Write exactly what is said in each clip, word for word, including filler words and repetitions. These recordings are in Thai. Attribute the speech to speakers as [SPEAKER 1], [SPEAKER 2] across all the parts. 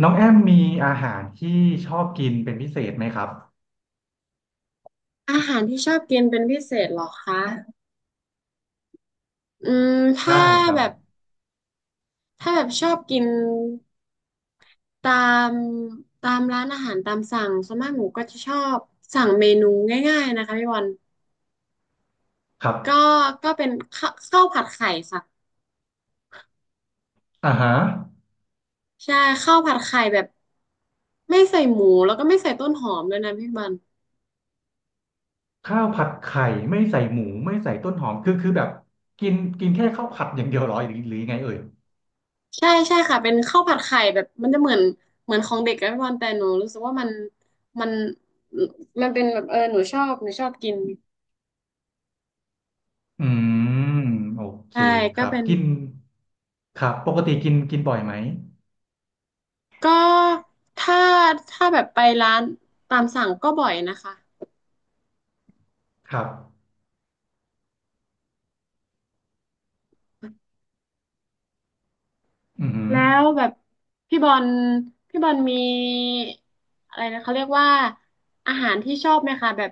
[SPEAKER 1] น้องแอมมีอาหารที่ชอบกินเป็นพิเศษไหมครับ
[SPEAKER 2] อาหารที่ชอบกินเป็นพิเศษเหรอคะอืม
[SPEAKER 1] ใช่
[SPEAKER 2] ถ้า
[SPEAKER 1] ครับ
[SPEAKER 2] แบบถ้าแบบชอบกินตามตามร้านอาหารตามสั่งส่วนมากหนูก็จะชอบสั่งเมนูง่ายๆนะคะพี่บอล
[SPEAKER 1] ครับ
[SPEAKER 2] ก็ก็เป็นข้าข้าวผัดไข่ค่ะ
[SPEAKER 1] อ่าฮะ
[SPEAKER 2] ใช่ข้าวผัดไข่แบบไม่ใส่หมูแล้วก็ไม่ใส่ต้นหอมเลยนะพี่บอล
[SPEAKER 1] ข้าวผัดไข่ไม่ใส่หมูไม่ใส่ต้นหอมคือคือแบบกินกินแค่ข้าวผัดอย่างเดียวเหรอหรือหรือยังไงเอ่ย
[SPEAKER 2] ใช่ใช่ค่ะเป็นข้าวผัดไข่แบบมันจะเหมือนเหมือนของเด็กอะพี่บอลแต่หนูรู้สึกว่ามันมันมันเป็นแบบเออหนูชอบหนูชอบกิน
[SPEAKER 1] อืมโอเค
[SPEAKER 2] ใช่
[SPEAKER 1] ค
[SPEAKER 2] ก็
[SPEAKER 1] รับ
[SPEAKER 2] เป็น
[SPEAKER 1] กินครับปกติกินกินบ่อยไหม
[SPEAKER 2] ก็ถ้าถ้าแบบไปร้านตามสั่งก็บ่อยนะคะ
[SPEAKER 1] ครับอือหือ
[SPEAKER 2] แล้วแบบพี่บอลพี่บอลมีอะไรนะเขาเรียกว่าอาหารที่ชอบไหมคะแบบ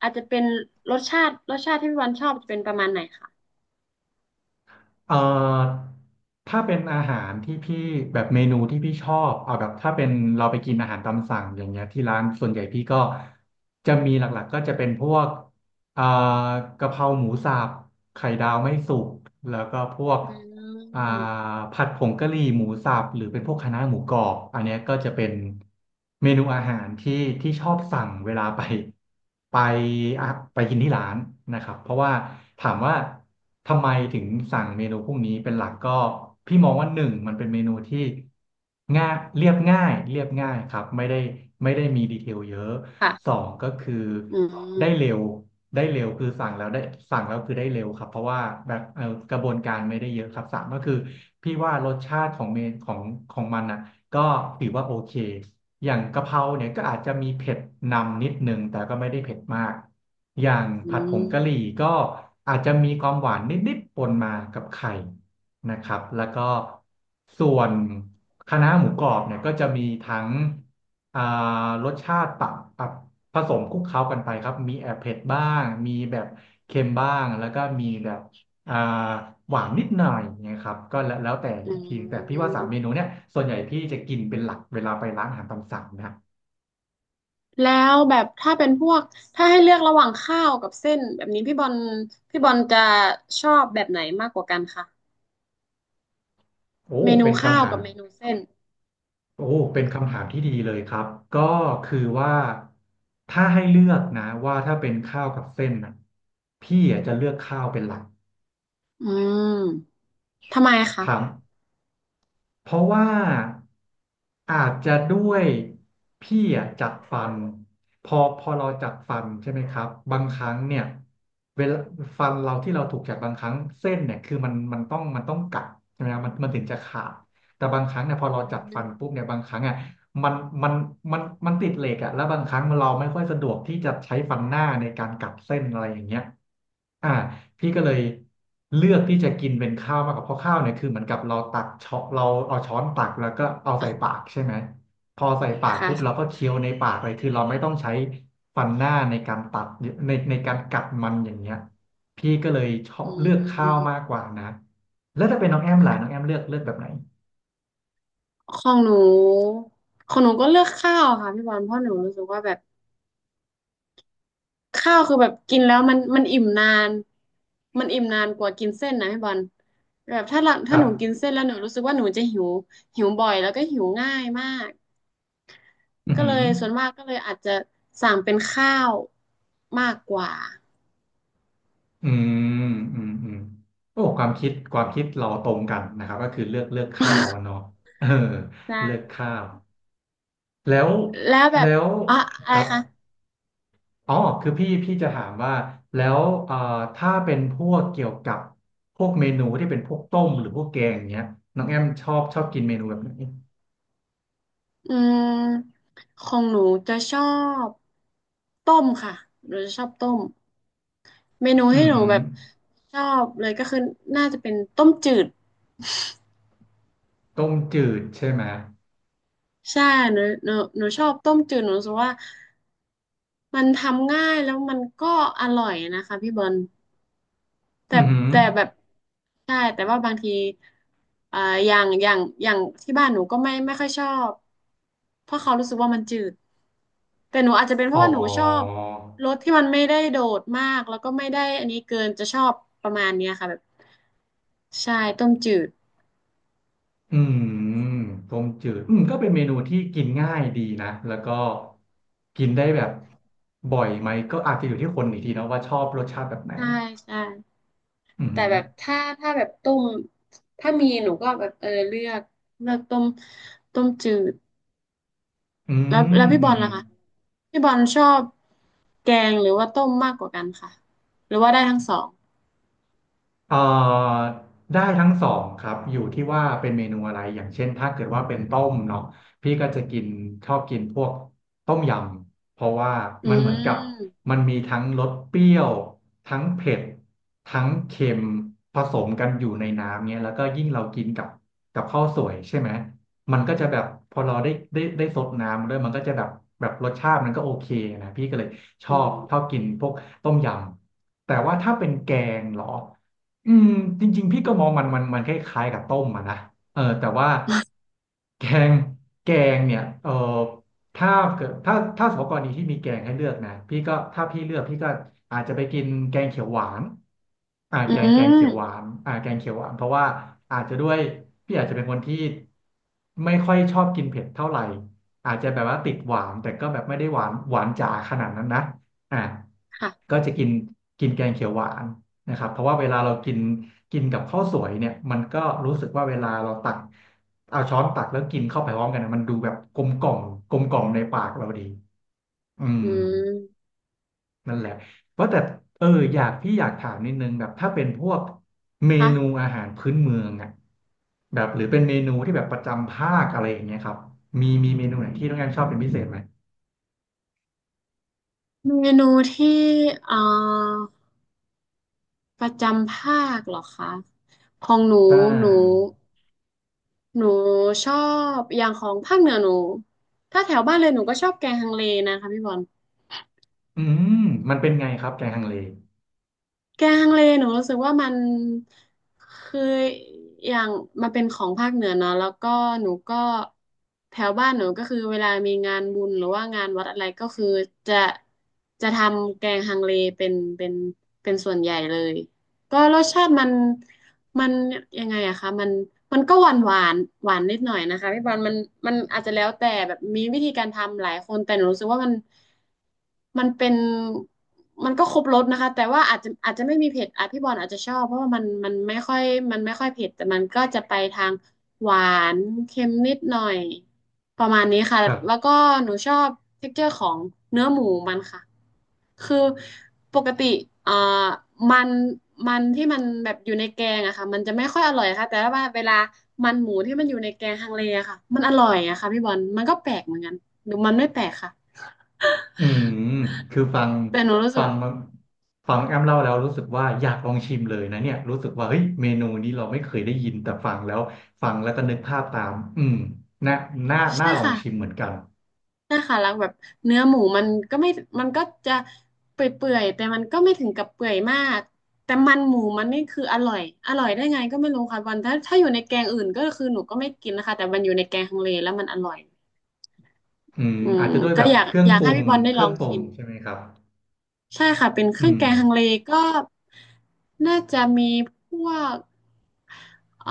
[SPEAKER 2] อาจจะเป็นรสชาติรสชาติที่พี่บอลชอบจะเป็นประมาณไหนคะ
[SPEAKER 1] เอ่อถ้าเป็นอาหารที่พี่แบบเมนูที่พี่ชอบเอาแบบถ้าเป็นเราไปกินอาหารตามสั่งอย่างเงี้ยที่ร้านส่วนใหญ่พี่ก็จะมีหลักๆก็จะเป็นพวกเอ่อกะเพราหมูสับไข่ดาวไม่สุกแล้วก็พวก
[SPEAKER 2] อื
[SPEAKER 1] อ่า
[SPEAKER 2] ม
[SPEAKER 1] ผัดผงกะหรี่หมูสับหรือเป็นพวกคะน้าหมูกรอบอันเนี้ยก็จะเป็นเมนูอาหารที่ที่ชอบสั่งเวลาไปไปอ่ะไปกินที่ร้านนะครับเพราะว่าถามว่าทำไมถึงสั่งเมนูพวกนี้เป็นหลักก็พี่มองว่าหนึ่งมันเป็นเมนูที่ง่ายเรียบง่ายเรียบง่ายครับไม่ได้ไม่ได้มีดีเทลเยอะ ส
[SPEAKER 2] ค่ะ
[SPEAKER 1] องก็คือ
[SPEAKER 2] อืม
[SPEAKER 1] ได้เร็วได้เร็วคือสั่งแล้วได้สั่งแล้วคือได้เร็วครับเพราะว่าแบบเออกระบวนการไม่ได้เยอะครับสามก็คือพี่ว่ารสชาติของเมนของของมันอ่ะก็ถือว่าโอเคอย่างกะเพราเนี่ยก็อาจจะมีเผ็ดนำนิดนึงแต่ก็ไม่ได้เผ็ดมากอย่าง
[SPEAKER 2] อื
[SPEAKER 1] ผัดผงกะหรี่
[SPEAKER 2] ม
[SPEAKER 1] ก็อาจจะมีความหวานนิดๆปนมากับไข่นะครับแล้วก็ส่วนคะน้าหมูกรอบเนี่ยก็จะมีทั้ง อ่ารสชาติปรับปรับผสมคลุกเคล้ากันไปครับมีแอบเผ็ดบ้างมีแบบเค็มบ้างแล้วก็มีแบบอ่าหวานนิดหน่อยเนยครับก็แล้วแล้วแต่
[SPEAKER 2] อื
[SPEAKER 1] อีกทีแต่พี่ว่าสาม
[SPEAKER 2] ม
[SPEAKER 1] เมนูเนี้ยส่วนใหญ่พี่จะกินเป็นหลักเวลาไปร้านอาหารตามสั่งนะ
[SPEAKER 2] แล้วแบบถ้าเป็นพวกถ้าให้เลือกระหว่างข้าวกับเส้นแบบนี้พี่บอลพี่บอลจะชอบแบบไหนมากกว่ากันคะ
[SPEAKER 1] โอ้
[SPEAKER 2] เมนู
[SPEAKER 1] เป็น
[SPEAKER 2] ข้า
[SPEAKER 1] คำ
[SPEAKER 2] ว
[SPEAKER 1] ถาม
[SPEAKER 2] กับเมนูเส้น
[SPEAKER 1] โอ้เป็นคำถามที่ดีเลยครับก็คือว่าถ้าให้เลือกนะว่าถ้าเป็นข้าวกับเส้นนะพี่อ่ะจะเลือกข้าวเป็นหลัก
[SPEAKER 2] อืมทำไมคะ
[SPEAKER 1] ถาม เพราะว่าอาจจะด้วยพี่อะจัดฟันพอพอเราจัดฟันใช่ไหมครับบางครั้งเนี่ยเวลาฟันเราที่เราถูกจัดบางครั้งเส้นเนี่ยคือมันมันต้องมันต้องกัดใช่ไหมครับมันมันถึงจะขาดแต่บางครั้งเนี่ยพอเรา
[SPEAKER 2] อื
[SPEAKER 1] จัดฟัน
[SPEAKER 2] ม
[SPEAKER 1] ปุ๊บเนี่ยบางครั้งอ่ะ มันมันมันมันติดเหล็กอะแล้วบางครั้งเราไม่ค่อยสะดวกที่จะใช้ฟันหน้าในการกัดเส้นอะไรอย่างเงี้ยอ่าพี่ก็เลยเลือกที่จะกินเป็นข้าวมากกว่าเพราะข้าวเนี่ยคือเหมือนกับเราตักช้อนเราเอาช้อนตักแล้วก็เอา
[SPEAKER 2] อ่ะ
[SPEAKER 1] ใส่ปากใช่ไหมพอใส่ปากปุ๊บเราก็
[SPEAKER 2] ค่ะ
[SPEAKER 1] เคี้ยวในปากเลยคือเราไม่ต้องใช้ฟันหน้าในการตัดในในการกัดมันอย่างเงี้ยพี่ก็เลยชอบ
[SPEAKER 2] อื
[SPEAKER 1] เลือกข้าวมาก
[SPEAKER 2] ม
[SPEAKER 1] กว่านะแล้วถ้าเป็นน้องแอมล่ะน้องแอมเลือกเลือกแบบไหน
[SPEAKER 2] ของหนูของหนูก็เลือกข้าวค่ะพี่บอลเพราะหนูรู้สึกว่าแบบข้าวคือแบบกินแล้วมันมันอิ่มนานมันอิ่มนานกว่ากินเส้นนะพี่บอลแบบถ้าหลั
[SPEAKER 1] ค
[SPEAKER 2] ถ้า
[SPEAKER 1] รั
[SPEAKER 2] หนูกิน
[SPEAKER 1] บ
[SPEAKER 2] เส้นแล้วหนูรู้สึกว่าหนูจะหิวหิวบ่อยแล้วก็หิวง่ายมาก
[SPEAKER 1] อือ
[SPEAKER 2] ก็
[SPEAKER 1] หื
[SPEAKER 2] เล
[SPEAKER 1] อ
[SPEAKER 2] ยส่วนมากก็เลยอาจจะสั่งเป็นข้าวมากกว่า
[SPEAKER 1] อืมอืมอืมโอ้ความคิดความคิดเราตรงกันนะครับก็คือเลือกเลือกข้าวอะเนาะเออ
[SPEAKER 2] ใช่
[SPEAKER 1] เลือกข้าวแล้ว
[SPEAKER 2] แล้วแบ
[SPEAKER 1] แล้
[SPEAKER 2] บ
[SPEAKER 1] ว
[SPEAKER 2] อ่ะ
[SPEAKER 1] ค
[SPEAKER 2] อะไร
[SPEAKER 1] รับ
[SPEAKER 2] คะ
[SPEAKER 1] อ๋อคือพี่พี่จะถามว่าแล้วเอ่อถ้าเป็นพวกเกี่ยวกับพวกเมนูที่เป็นพวกต้มหรือพวกแกงอย่างเงี้ยน้องแอมชอบชอบกินเมนูแบบไหน
[SPEAKER 2] อืมของหนูจะชอบต้มค่ะหนูจะชอบต้มเมนู
[SPEAKER 1] อื
[SPEAKER 2] ให้
[SPEAKER 1] อ
[SPEAKER 2] หนู
[SPEAKER 1] หือ
[SPEAKER 2] แบบชอบเลยก็คือน่าจะเป็นต้มจืด
[SPEAKER 1] ต้มจืดใช่ไหม
[SPEAKER 2] ใช่หนูหนูหนูชอบต้มจืดหนูรู้สึกว่ามันทำง่ายแล้วมันก็อร่อยนะคะพี่บอล แต่
[SPEAKER 1] อือหือ
[SPEAKER 2] แต่แบบใช่แต่ว่าบางทีอ่าอย่างอย่างอย่างที่บ้านหนูก็ไม่ไม่ค่อยชอบเพราะเขารู้สึกว่ามันจืดแต่หนูอาจจะเป็นเพ
[SPEAKER 1] อ๋อ
[SPEAKER 2] ราะว่าหนูชอบรสที่มันไม่ได้โดดมากแล้วก็ไม่ได้อันนี้เกินจะชอบประมาณเนี้ยค่ะแบบใช่ต้มจืด
[SPEAKER 1] อืมต้มจืดอืมก็เป็นเมนูที่กินง่ายดีนะ แล้วก็กินได้แบบบ่อยไหม ก็อาจจะอยู่ที่คนอีกทีเนาะว่าชอบรสชาติแบบไหน
[SPEAKER 2] ใช่ใช่
[SPEAKER 1] อื
[SPEAKER 2] แต่
[SPEAKER 1] ม
[SPEAKER 2] แบบถ้าถ้าแบบต้มถ้ามีหนูก็แบบเออเลือกเลือกต้มต้มจืด
[SPEAKER 1] อื
[SPEAKER 2] แล้ว
[SPEAKER 1] ม
[SPEAKER 2] แล้วพี่
[SPEAKER 1] อื
[SPEAKER 2] บอล
[SPEAKER 1] ม
[SPEAKER 2] ล่ะคะพี่บอลชอบแกงหรือว่าต้มมากกว่ากันค่ะหรือว่าได้ทั้งสอง
[SPEAKER 1] เอ่อได้ทั้งสองครับอยู่ที่ว่าเป็นเมนูอะไรอย่างเช่นถ้าเกิดว่าเป็นต้มเนาะพี่ก็จะกินชอบกินพวกต้มยำเพราะว่า
[SPEAKER 2] อื
[SPEAKER 1] มันเหมือนกับ
[SPEAKER 2] ม
[SPEAKER 1] มันมีทั้งรสเปรี้ยวทั้งเผ็ดทั้งเค็มผสมกันอยู่ในน้ำเนี้ยแล้วก็ยิ่งเรากินกับกับข้าวสวยใช่ไหมมันก็จะแบบพอเราได้ได้ได้ซดน้ำด้วยมันก็จะแบบแบบรสชาติมันก็โอเคนะพี่ก็เลยช
[SPEAKER 2] อื
[SPEAKER 1] อบ
[SPEAKER 2] ม
[SPEAKER 1] ชอบกินพวกต้มยำแต่ว่าถ้าเป็นแกงเหรอ อืมจริงๆพี่ก็มองมันมันมันคล้ายๆกับต้มอะนะเออแต่ว่าแกงแกงเนี่ยเออถ้าเกิดถ้าถ้าสมมติกรณีที่มีแกงให้เลือกนะพี่ก็ถ้าพี่เลือกพี่ก็อาจจะไปกินแกงเขียวหวานอ่า
[SPEAKER 2] อื
[SPEAKER 1] แก
[SPEAKER 2] ม
[SPEAKER 1] งแกงเขียวหวานอ่าแกงเขียวหวานเพราะว่าอาจจะด้วยพี่อาจจะเป็นคนที่ไม่ค่อยชอบกินเผ็ดเท่าไหร่อาจจะแบบว่าติดหวานแต่ก็แบบไม่ได้หวานหวานจ๋าขนาดนั้นนะอ่ะ
[SPEAKER 2] ค่ะ
[SPEAKER 1] ก็จะกินกินแกงเขียวหวาน นะครับเพราะว่าเวลาเรากินกินกับข้าวสวยเนี่ยมันก็รู้สึกว่าเวลาเราตักเอาช้อนตักแล้วกินเข้าไปพร้อมกันนะมันดูแบบกลมกล่อมกลมกล่อมในปากเราดีอืม
[SPEAKER 2] อืม
[SPEAKER 1] นั่นแหละเพราะแต่เอออยากพี่อยากถามนิดนึงแบบถ้าเป็นพวกเมนู
[SPEAKER 2] ค่ะ
[SPEAKER 1] อาหารพื้นเมืองอ่ะแบบหรือเป็นเมนูที่แบบประจำภาคอะไรอย่างเงี้ยครับมีมีเมนูไหนที่น้องแอมชอบเป็นพิเศษไหม
[SPEAKER 2] เมนูที่เอ่อประจำภาคเหรอคะของหนู
[SPEAKER 1] ใช
[SPEAKER 2] หนู
[SPEAKER 1] ่
[SPEAKER 2] หนูชอบอย่างของภาคเหนือหนูถ้าแถวบ้านเลยหนูก็ชอบแกงฮังเลนะคะพี่บอล
[SPEAKER 1] อืมมันเป็นไงครับแกงฮังเล
[SPEAKER 2] แกงฮังเลหนูรู้สึกว่ามันคืออย่างมันเป็นของภาคเหนือเนาะแล้วก็หนูก็แถวบ้านหนูก็คือเวลามีงานบุญหรือว่างานวัดอะไรก็คือจะจะทำแกงฮังเลเป็นเป็นเป็นส่วนใหญ่เลยก็รสชาติมันมันยังไงอะคะมันมันก็หวานหวานหวานนิดหน่อยนะคะพี่บอลมันมันอาจจะแล้วแต่แบบมีวิธีการทำหลายคนแต่หนูรู้สึกว่ามัน มันเป็นมันก็ครบรสนะคะแต่ว่าอาจจะอาจจะไม่มีเผ็ดอ่ะพี่บอลอาจจะชอบเพราะว่ามันมันไม่ค่อยมันไม่ค่อยเผ็ดแต่มันก็จะไปทางหวานเค็มนิดหน่อยประมาณนี้ค่ะ
[SPEAKER 1] ครั
[SPEAKER 2] แล้วก็
[SPEAKER 1] บ
[SPEAKER 2] หนูชอบ texture ของเนื้อหมูมันค่ะคือปกติเอ่อมันมันที่มันแบบอยู่ในแกงอะค่ะมันจะไม่ค่อยอร่อยค่ะแต่ว่าเวลามันหมูที่มันอยู่ในแกงฮังเลอะค่ะมันอร่อยอะค่ะพี่บอลมันก็แปลกเหมือนกันหรือมันไม่แปลกค่ะ
[SPEAKER 1] อืม คือฟัง
[SPEAKER 2] แต่หนูรู้สึ
[SPEAKER 1] ฟั
[SPEAKER 2] ก
[SPEAKER 1] งมาฟังแอมเล่าแล้วรู้สึกว่าอยากลองชิมเลยนะเนี่ยรู้สึกว่าเฮ้ยเมนูนี้เราไม่เคยได้ยินแต่ฟังแล้วฟังแล้วก็นึกภาพตามอืมน่าน่าน่า
[SPEAKER 2] ใช่
[SPEAKER 1] ลอง
[SPEAKER 2] ค่ะ
[SPEAKER 1] ชิมเหมือนกัน
[SPEAKER 2] ใช่ค่ะแล้วแบบเนื้อหมูมันก็ไม่มันก็จะเปื่อยๆแต่มันก็ไม่ถึงกับเปื่อยมาก แต่มันหมูมันนี่คืออร่อยอร่อยได้ไงก็ไม่รู้ค่ะวันถ้าถ้าอยู่ในแกงอื่นก็คือหนูก็ไม่กินนะคะแต่มันอยู่ในแกงฮังเลแล้วมันอร่อย
[SPEAKER 1] อืม
[SPEAKER 2] อื
[SPEAKER 1] อาจ
[SPEAKER 2] ม
[SPEAKER 1] จะด้วยแบ
[SPEAKER 2] ก็
[SPEAKER 1] บ
[SPEAKER 2] อยาก
[SPEAKER 1] เครื่อง
[SPEAKER 2] อยา
[SPEAKER 1] ป
[SPEAKER 2] ก
[SPEAKER 1] รุ
[SPEAKER 2] ให้
[SPEAKER 1] ง
[SPEAKER 2] พี่บอลได้
[SPEAKER 1] เค
[SPEAKER 2] ล
[SPEAKER 1] รื่
[SPEAKER 2] อ
[SPEAKER 1] อง
[SPEAKER 2] ง
[SPEAKER 1] ปรุง
[SPEAKER 2] ชิม
[SPEAKER 1] ใช่ไหมครับ
[SPEAKER 2] ใช่ค่ะเป็นเค
[SPEAKER 1] อื
[SPEAKER 2] รื่อง
[SPEAKER 1] ม
[SPEAKER 2] แกงฮังเลก็น่าจะมีพวกเอ่อ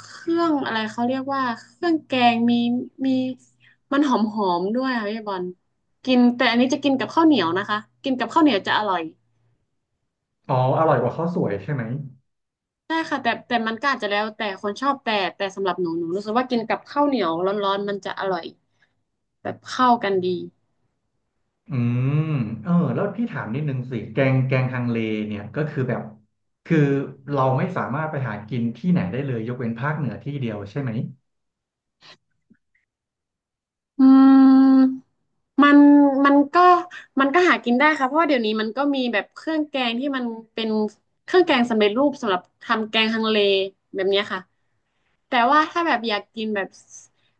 [SPEAKER 2] เครื่องอะไรเขาเรียกว่าเครื่องแกงมีมีมันหอมหอมด้วยค่ะพี่บอลกินแต่อันนี้จะกินกับข้าวเหนียวนะคะกินกับข้าวเหนียวจะอร่อย
[SPEAKER 1] อ๋ออร่อยกว่าข้าวสวยใช่ไหม
[SPEAKER 2] ใช่ค่ะแต่แต่มันก็อาจจะแล้วแต่คนชอบแต่แต่สำหรับหนูหนูรู้สึกว่ากินกับข้าวเหนียวร้อนๆมันจะอร่อยแบบเข้ากันดี
[SPEAKER 1] อืมเออแล้วพี่ถามนิดนึงสิแกงแกงฮังเลเนี่ยก็คือแบบคือเราไม่สามารถไปหากินที่ไหนได้เลยยกเว้นภาคเหนือที่เดียวใช่ไหม
[SPEAKER 2] อืม มันมันก็มันก็หากินได้ค่ะเพราะว่าเดี๋ยวนี้มันก็มีแบบเครื่องแกงที่มันเป็นเครื่องแกงสำเร็จรูปสำหรับทำแกงฮังเลแบบเนี้ยค่ะแต่ว่าถ้าแบบอยากกินแบบ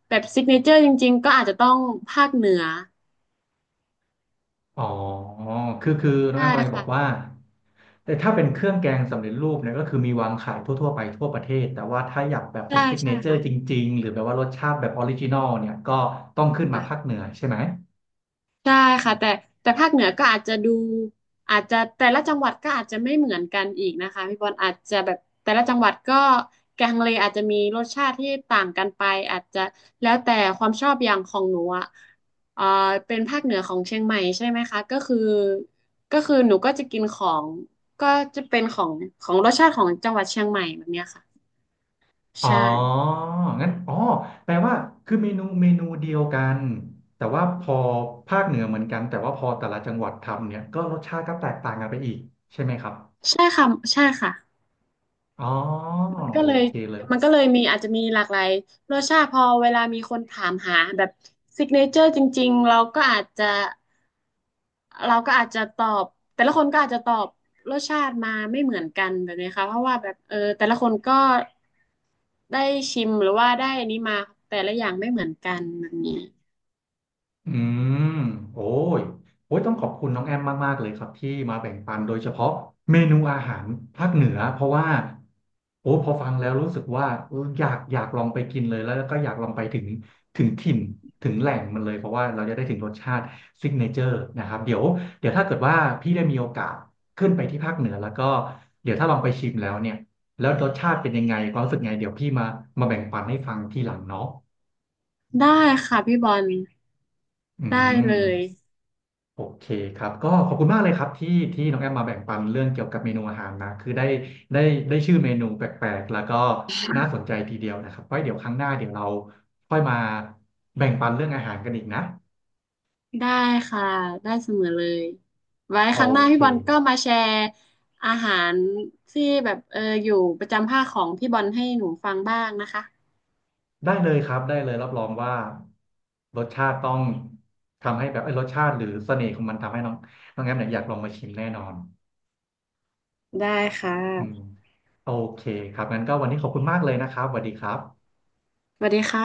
[SPEAKER 2] แบบซิกเนเจอร์จริงๆก็อาจจะต้องภาคเหนือ
[SPEAKER 1] อ๋อ คือคือน้อง
[SPEAKER 2] ใช่
[SPEAKER 1] แอมกำลังบอ
[SPEAKER 2] ค่ะ
[SPEAKER 1] กว่าแต่ถ้าเป็นเครื่องแกงสำเร็จรูปเนี่ยก็คือมีวางขายทั่วๆไปทั่วประเทศแต่ว่าถ้าอยากแบบเป็น
[SPEAKER 2] ใช่
[SPEAKER 1] ซิกเน
[SPEAKER 2] ใช่
[SPEAKER 1] เจอ
[SPEAKER 2] ค่ะ
[SPEAKER 1] ร์จริงๆหรือแบบว่ารสชาติแบบออริจินอลเนี่ยก็ต้องขึ้นมาภา
[SPEAKER 2] ค่ะ
[SPEAKER 1] คเหนือใช่ไหม
[SPEAKER 2] ได้ค่ะแต่แต่ภาคเหนือก็อาจจะดูอาจจะแต่ละจังหวัดก็อาจจะไม่เหมือนกันอีกนะคะพี่บอลอาจจะแบบแต่ละจังหวัดก็แกงเลอาจจะมีรสชาติที่ต่างกันไปอาจจะแล้วแต่ความชอบอย่างของหนูอ่ะเอ่อเป็นภาคเหนือของเชียงใหม่ใช่ไหมคะก็คือก็คือหนูก็จะกินของก็จะเป็นของของรสชาติของจังหวัดเชียงใหม่แบบเนี้ยค่ะ
[SPEAKER 1] อ๋อ
[SPEAKER 2] ใช่
[SPEAKER 1] งั้นอ๋อแปลว่าคือเมนูเมนูเดียวกันแต่ว่าพอภาคเหนือเหมือนกันแต่ว่าพอแต่ละจังหวัดทำเนี่ยก็รสชาติก็แตกต่างกันไปอีกใช่ไหมครับ
[SPEAKER 2] ใช่ค่ะใช่ค่ะ
[SPEAKER 1] อ๋อ
[SPEAKER 2] มันก็
[SPEAKER 1] โอ
[SPEAKER 2] เลย
[SPEAKER 1] เคเลย
[SPEAKER 2] มันก็เลยมีอาจจะมีหลากหลายรสชาติพอเวลามีคนถามหาแบบซิกเนเจอร์จริงๆเราก็อาจจะเราก็อาจจะตอบแต่ละคนก็อาจจะตอบรสชาติมาไม่เหมือนกันแบบนี้ค่ะเพราะว่าแบบเออแต่ละคนก็ได้ชิมหรือว่าได้อันนี้มาแต่ละอย่างไม่เหมือนกันแบบนี้
[SPEAKER 1] อืมโอ้ยโอ้ยต้องขอบคุณน้องแอมมากๆเลยครับที่มาแบ่งปันโดยเฉพาะเมนูอาหารภาคเหนือเพราะว่าโอ้พอฟังแล้วรู้สึกว่าเอออยากอยากลองไปกินเลยแล้วก็อยากลองไปถึงถึงถิ่นถึงแหล่งมันเลยเพราะว่าเราจะได้ถึงรสชาติซิกเนเจอร์นะครับเดี๋ยวเดี๋ยวถ้าเกิดว่าพี่ได้มีโอกาสขึ้นไปที่ภาคเหนือแล้วก็เดี๋ยวถ้าลองไปชิมแล้วเนี่ยแล้วรสชาติเป็นยังไงความรู้สึกไงเดี๋ยวพี่มามาแบ่งปันให้ฟังทีหลังเนาะ
[SPEAKER 2] ได้ค่ะพี่บอล
[SPEAKER 1] อื
[SPEAKER 2] ได้เลย
[SPEAKER 1] ม โอเคครับก็ขอบคุณมากเลยครับที่ที่น้องแอมมาแบ่งปันเรื่องเกี่ยวกับเมนูอาหารนะคือได้ได้ได้ชื่อเมนูแปลกๆแล้วก็น่าสนใจทีเดียวนะครับไว้เดี๋ยวครั้งหน้าเดี๋ยวเราค่อยมาแบ่งปันเรื่องอาหารกันอีกนะ
[SPEAKER 2] ได้ค่ะได้เสมอเลยไว้
[SPEAKER 1] โอ
[SPEAKER 2] ครั้งหน้า
[SPEAKER 1] เค
[SPEAKER 2] พี่บอลก็มาแชร์อาหารที่แบบเอออยู่ประจำภาคของพี่บอลให้หนูฟังบ้างนะคะ
[SPEAKER 1] ได้เลยครับได้เลยรับรองว่ารสชาติต้องทำให้แบบไอ้ยรสชาติหรือเสน่ห์ของมันทำให้น้องน้องแอมเนี่ยอยากลองมาชิมแน่นอน
[SPEAKER 2] ได้ค่ะ
[SPEAKER 1] อืมโอเคครับงั้นก็วันนี้ขอบคุณมากเลยนะครับสวัสดีครับ
[SPEAKER 2] สวัสดีค่ะ